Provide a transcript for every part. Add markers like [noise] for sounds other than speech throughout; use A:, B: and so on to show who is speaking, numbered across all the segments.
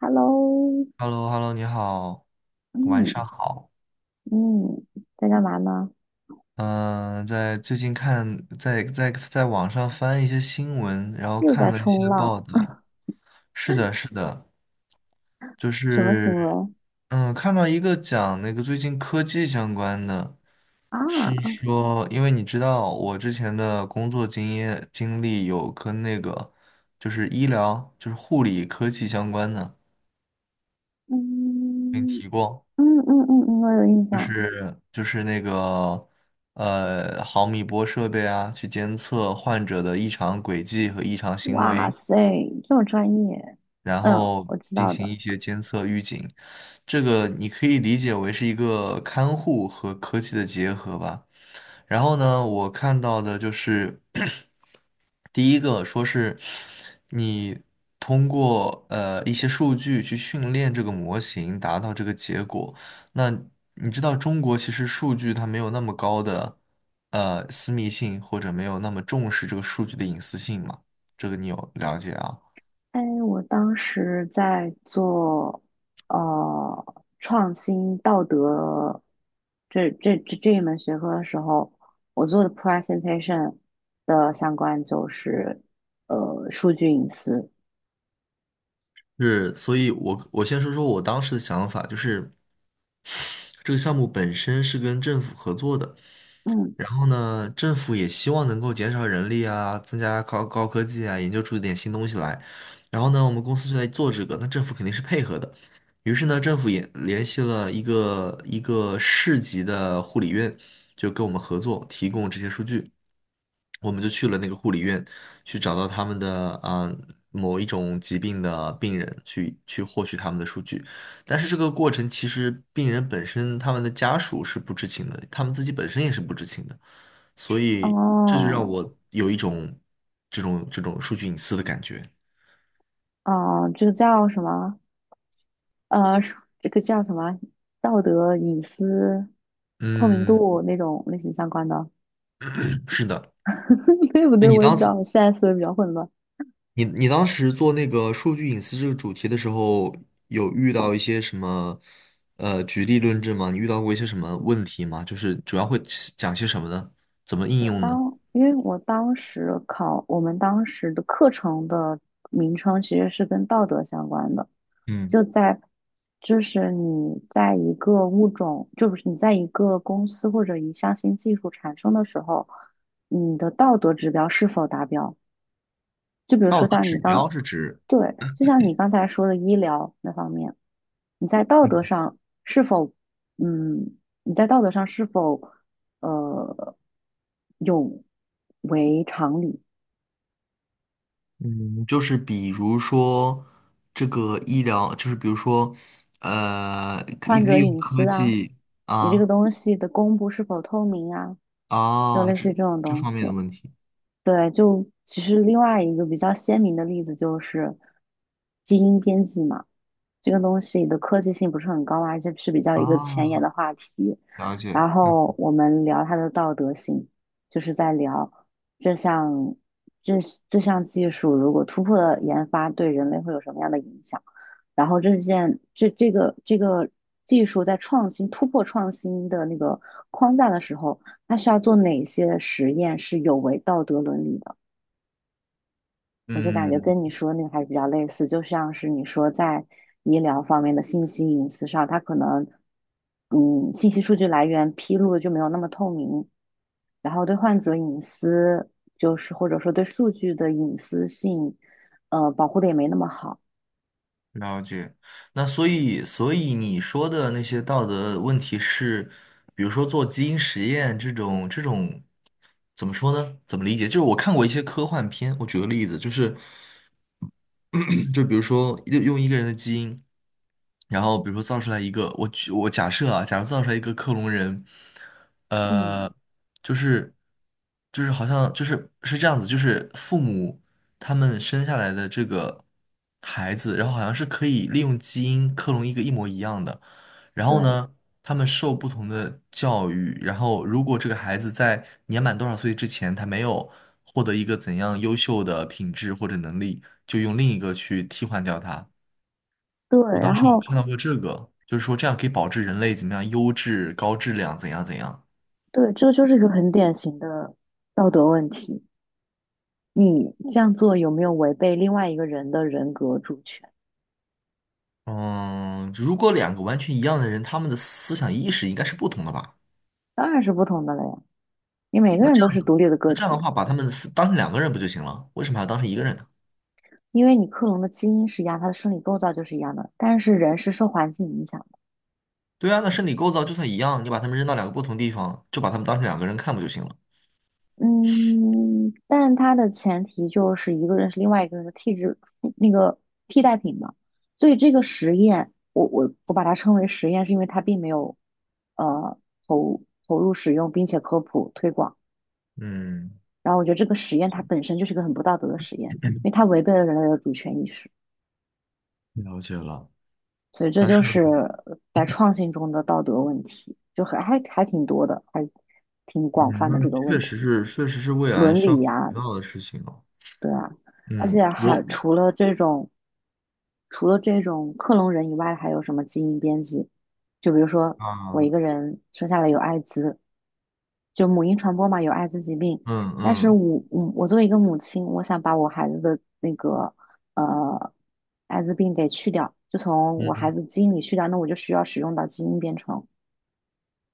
A: Hello，
B: h e l l o h e l l o 你好，晚
A: 嗯
B: 上好。
A: 嗯，在干嘛呢？
B: 嗯、在最近看，在网上翻一些新闻，然后
A: 又
B: 看
A: 在
B: 了一些
A: 冲浪，
B: 报道。是的，是的，就
A: 什么行
B: 是，
A: 为
B: 看到一个讲那个最近科技相关的，是
A: 啊？
B: 说，因为你知道我之前的工作经验经历有跟那个就是医疗，就是护理科技相关的，跟你
A: 嗯
B: 提过。
A: 嗯嗯嗯嗯，我有印
B: 就是。
A: 象。
B: 就是那个毫米波设备啊，去监测患者的异常轨迹和异常行
A: 哇
B: 为，
A: 塞，这么专业。
B: 然
A: 嗯，
B: 后
A: 我知
B: 进
A: 道
B: 行
A: 的。
B: 一些监测预警。这个你可以理解为是一个看护和科技的结合吧。然后呢，我看到的就是 [clears throat] 第一个说是你通过一些数据去训练这个模型，达到这个结果。那你知道中国其实数据它没有那么高的私密性，或者没有那么重视这个数据的隐私性嘛？这个你有了解啊？
A: 哎，我当时在做呃创新道德这一门学科的时候，我做的 presentation 的相关就是数据隐私。
B: 是，所以我先说说我当时的想法，就是这个项目本身是跟政府合作的。
A: 嗯。
B: 然后呢，政府也希望能够减少人力啊，增加高科技啊，研究出一点新东西来。然后呢，我们公司就在做这个，那政府肯定是配合的。于是呢，政府也联系了一个市级的护理院，就跟我们合作，提供这些数据。我们就去了那个护理院，去找到他们的啊、某一种疾病的病人，去获取他们的数据。但是这个过程其实病人本身他们的家属是不知情的，他们自己本身也是不知情的，所以这就让
A: 哦，
B: 我有一种这种数据隐私的感觉。
A: 哦，这个叫什么？呃，是这个叫什么？道德隐私透明
B: 嗯，
A: 度那种类型相关的，
B: [clears throat] 是的。
A: [laughs] 对不
B: 那
A: 对？
B: 你
A: 我也不
B: 当
A: 知道，
B: 时
A: 我现在思维比较混乱。
B: 你当时做那个数据隐私这个主题的时候，有遇到一些什么举例论证吗？你遇到过一些什么问题吗？就是主要会讲些什么呢？怎么应用呢？
A: 因为我们当时的课程的名称其实是跟道德相关的，
B: 嗯
A: 就在，就是你在一个物种，就不是你在一个公司或者一项新技术产生的时候，你的道德指标是否达标？就比如说
B: 道德
A: 像你
B: 指标
A: 刚，
B: 是指？
A: 对，就像你刚才说的医疗那方面，你在道德上是否，嗯，你在道德上是否，呃，有违常理？
B: 嗯，就是比如说这个医疗，就是比如说，呃，可以
A: 患者
B: 利用
A: 隐
B: 科
A: 私啊，
B: 技
A: 你这个
B: 啊
A: 东西的公布是否透明啊，就
B: 啊，
A: 类
B: 这
A: 似于这种
B: 这
A: 东
B: 方
A: 西。
B: 面的问题
A: 对，就其实另外一个比较鲜明的例子就是基因编辑嘛。这个东西的科技性不是很高啊，而且是比较一个前沿的
B: 啊，
A: 话题。
B: 了解，
A: 然
B: 嗯
A: 后我们聊它的道德性，就是在聊这项这这项技术如果突破了研发，对人类会有什么样的影响？然后这件这这个这个技术在创新的那个框架的时候，它需要做哪些实验是有违道德伦理的？我就感觉
B: 嗯，
A: 跟你说那个还是比较类似，就像是你说在医疗方面的信息隐私上，它可能信息数据来源披露的就没有那么透明，然后对患者隐私就是或者说对数据的隐私性，保护的也没那么好。
B: 了解。那所以，所以你说的那些道德问题是，比如说做基因实验这种，这种怎么说呢？怎么理解？就是我看过一些科幻片，我举个例子，就是。[clears throat] 就比如说用一个人的基因，然后比如说造出来一个，我举我假设啊，假如造出来一个克隆人，
A: 嗯，
B: 呃，就是好像是这样子，就是父母他们生下来的这个孩子，然后好像是可以利用基因克隆一个一模一样的，然后
A: 对
B: 呢？他们受不同的教育，然后如果这个孩子在年满多少岁之前，他没有获得一个怎样优秀的品质或者能力，就用另一个去替换掉他。
A: 对，
B: 我
A: 然
B: 当时有
A: 后
B: 看到过这个，就是说这样可以保证人类怎么样优质、高质量，怎样怎样。
A: 对，这就是一个很典型的道德问题。你这样做有没有违背另外一个人的人格主权？
B: 嗯，如果两个完全一样的人，他们的思想意识应该是不同的吧？
A: 当然是不同的了呀，你每个人都是独立的
B: 那
A: 个
B: 这样
A: 体
B: 的
A: 啊。
B: 话，把他们分当成两个人不就行了？为什么还要当成一个人呢？
A: 因为你克隆的基因是一样，它的生理构造就是一样的，但是人是受环境影响的。
B: 对啊，那生理构造就算一样，你把他们扔到两个不同地方，就把他们当成两个人看不就行了？
A: 嗯，但它的前提就是一个人是另外一个人的替质那个替代品嘛。所以这个实验，我把它称为实验，是因为它并没有呃投入使用，并且科普推广。
B: 嗯。
A: 然后我觉得这个实验它本身就是一个很不道德的实验，因为它违背了人类的主权意识。
B: 了解了，
A: 所以这
B: 但
A: 就
B: 是，
A: 是在创新中的道德问题，就还挺多的，还挺广
B: 嗯，
A: 泛
B: 那
A: 的
B: 个
A: 这个
B: 确
A: 问
B: 实
A: 题，
B: 是，确实是未来
A: 伦
B: 需要
A: 理
B: 考
A: 呀，
B: 虑到的事情哦。
A: 对啊，而且
B: 嗯，
A: 还
B: 我
A: 除了这种，除了这种克隆人以外，还有什么基因编辑？就比如说我
B: 啊，
A: 一个人生下来有艾滋，就母婴传播嘛，有艾滋疾病。
B: 嗯
A: 但是
B: 嗯
A: 我我作为一个母亲，我想把我孩子的那个呃艾滋病给去掉，就从我孩
B: 嗯，
A: 子基因里去掉，那我就需要使用到基因编程。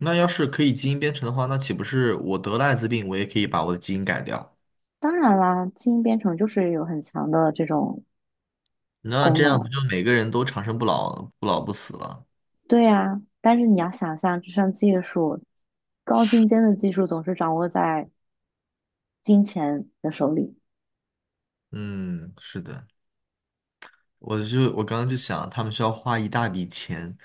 B: 那要是可以基因编程的话，那岂不是我得了艾滋病，我也可以把我的基因改掉？
A: 当然啦，基因编程就是有很强的这种
B: 那
A: 功
B: 这样不
A: 能。
B: 就每个人都长生不老、不老不死了？
A: 对呀，但是你要想象，这项技术高精尖的技术总是掌握在金钱的手里。
B: 嗯，是的。我刚刚就想，他们需要花一大笔钱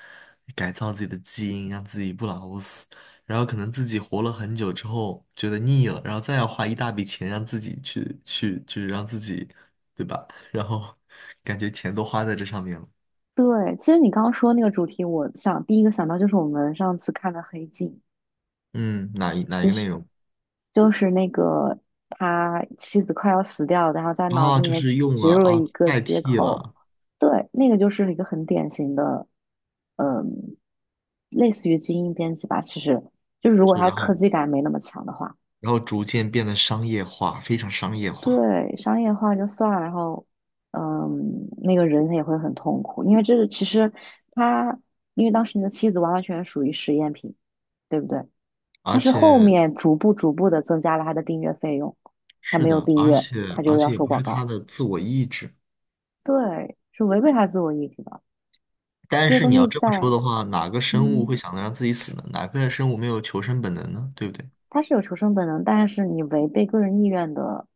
B: 改造自己的基因，让自己不老不死，然后可能自己活了很久之后觉得腻了，然后再要花一大笔钱让自己去让自己，对吧？然后感觉钱都花在这上面了。
A: 对，其实你刚刚说那个主题，我想第一个想到就是我们上次看的《黑镜》。
B: 嗯，哪一
A: 其
B: 个
A: 实
B: 内容？
A: 就是那个他妻子快要死掉了，然后在脑子
B: 啊，
A: 里
B: 就
A: 面
B: 是用
A: 植
B: 了
A: 入了
B: 啊，
A: 一个
B: 代
A: 接
B: 替
A: 口，
B: 了，
A: 对，那个就是一个很典型的，嗯，类似于基因编辑吧。其实就是如果
B: 是
A: 他
B: 然
A: 科
B: 后
A: 技感没那么强的话，
B: 然后逐渐变得商业化，非常商业化，
A: 对，商业化就算了，然后，嗯，那个人也会很痛苦，因为这个其实他，因为当时你的妻子完完全全属于实验品，对不对？
B: 而
A: 他是后
B: 且
A: 面逐步逐步的增加了他的订阅费用，他
B: 是
A: 没有
B: 的，
A: 订
B: 而
A: 阅，
B: 且
A: 他
B: 而
A: 就要
B: 且也
A: 收
B: 不
A: 广
B: 是他
A: 告，
B: 的自我意志。
A: 对，是违背他自我意志的。
B: 但
A: 这个
B: 是你
A: 东
B: 要
A: 西
B: 这么
A: 在，
B: 说的话，哪个生物
A: 嗯，
B: 会想着让自己死呢？哪个生物没有求生本能呢？对不对？
A: 他是有求生本能，但是你违背个人意愿的，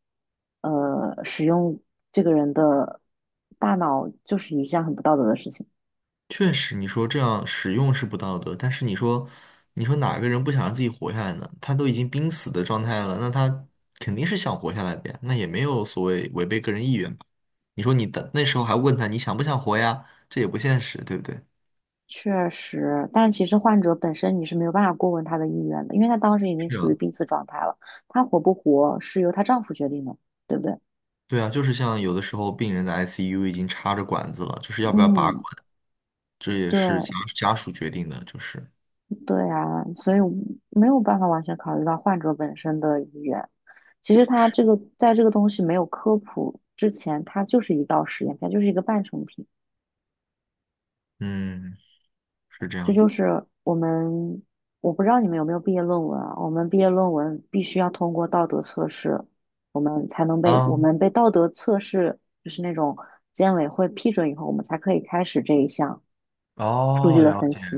A: 使用这个人的大脑，就是一项很不道德的事情。
B: 确实，你说这样使用是不道德，但是你说，你说哪个人不想让自己活下来呢？他都已经濒死的状态了，那他肯定是想活下来的呀，那也没有所谓违背个人意愿吧？你说你的那时候还问他你想不想活呀？这也不现实，对不对？
A: 确实，但其实患者本身你是没有办法过问他的意愿的，因为他当时已经
B: 是
A: 处于
B: 啊，
A: 濒死状态了，他活不活是由她丈夫决定的，对不对？
B: 对啊，就是像有的时候病人的 ICU 已经插着管子了，就是要不要拔管，
A: 嗯，
B: 这也是
A: 对。
B: 家属决定的，就是
A: 对啊，所以我没有办法完全考虑到患者本身的意愿。其实它这个在这个东西没有科普之前，它就是一道实验，它就是一个半成品。
B: 嗯。是这
A: 这
B: 样子
A: 就
B: 的。
A: 是我们，我不知道你们有没有毕业论文啊？我们毕业论文必须要通过道德测试，我们才能被我
B: 啊，
A: 们被道德测试，就是那种监委会批准以后，我们才可以开始这一项数据
B: 哦，
A: 的
B: 了
A: 分
B: 解。
A: 析。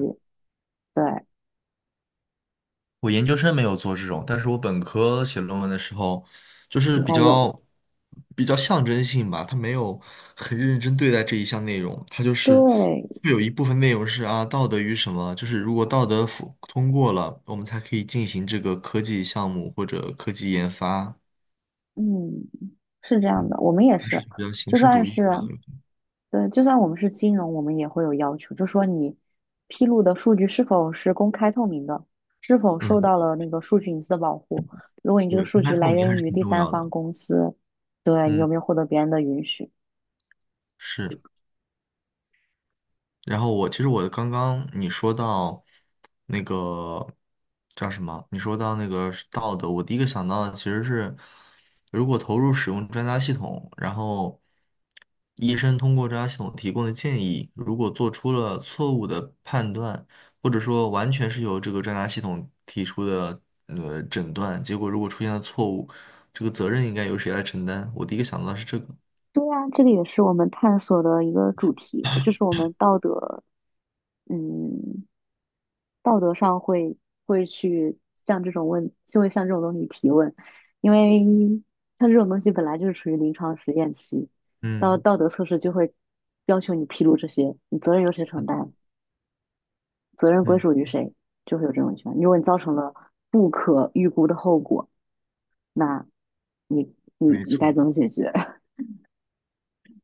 A: 对，
B: 我研究生没有做这种，但是我本科写论文的时候，就是
A: 应
B: 比
A: 该有。
B: 较比较象征性吧，他没有很认真对待这一项内容，他就是
A: 对，
B: 会有一部分内容是啊，道德与什么，就是如果道德符通过了，我们才可以进行这个科技项目或者科技研发。
A: 嗯。是这样
B: 嗯，
A: 的，我们也
B: 还是
A: 是，
B: 比较形
A: 就
B: 式
A: 算
B: 主义
A: 是
B: 嘛。
A: 对，就算我们是金融，我们也会有要求，就说你披露的数据是否是公开透明的，是否受
B: 嗯，
A: 到了那个数据隐私的保护。如果你这个
B: 对，
A: 数
B: 公开
A: 据
B: 透
A: 来
B: 明还
A: 源
B: 是
A: 于
B: 挺
A: 第
B: 重
A: 三
B: 要的。
A: 方公司，对你有
B: 嗯，
A: 没有获得别人的允许？
B: 是。然后我其实我刚刚你说到那个叫什么？你说到那个是道德，我第一个想到的其实是，如果投入使用专家系统，然后医生通过专家系统提供的建议，如果做出了错误的判断，或者说完全是由这个专家系统提出的诊断，结果如果出现了错误，这个责任应该由谁来承担？我第一个想到的是这个。
A: 对啊，这个也是我们探索的一个主题，就是我们道德，嗯，道德上会去向这种问，就会向这种东西提问，因为像这种东西本来就是处于临床实验期，到
B: 嗯
A: 道德测试就会要求你披露这些，你责任由谁承担，责任归
B: 嗯，
A: 属于谁，就会有这种情况。如果你造成了不可预估的后果，那你你
B: 没
A: 你该
B: 错。
A: 怎么解决？[laughs]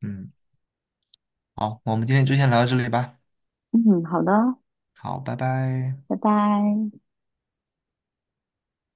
B: 嗯。好，我们今天就先聊到这里吧。
A: 嗯，好的，
B: 好，拜拜。
A: 拜拜。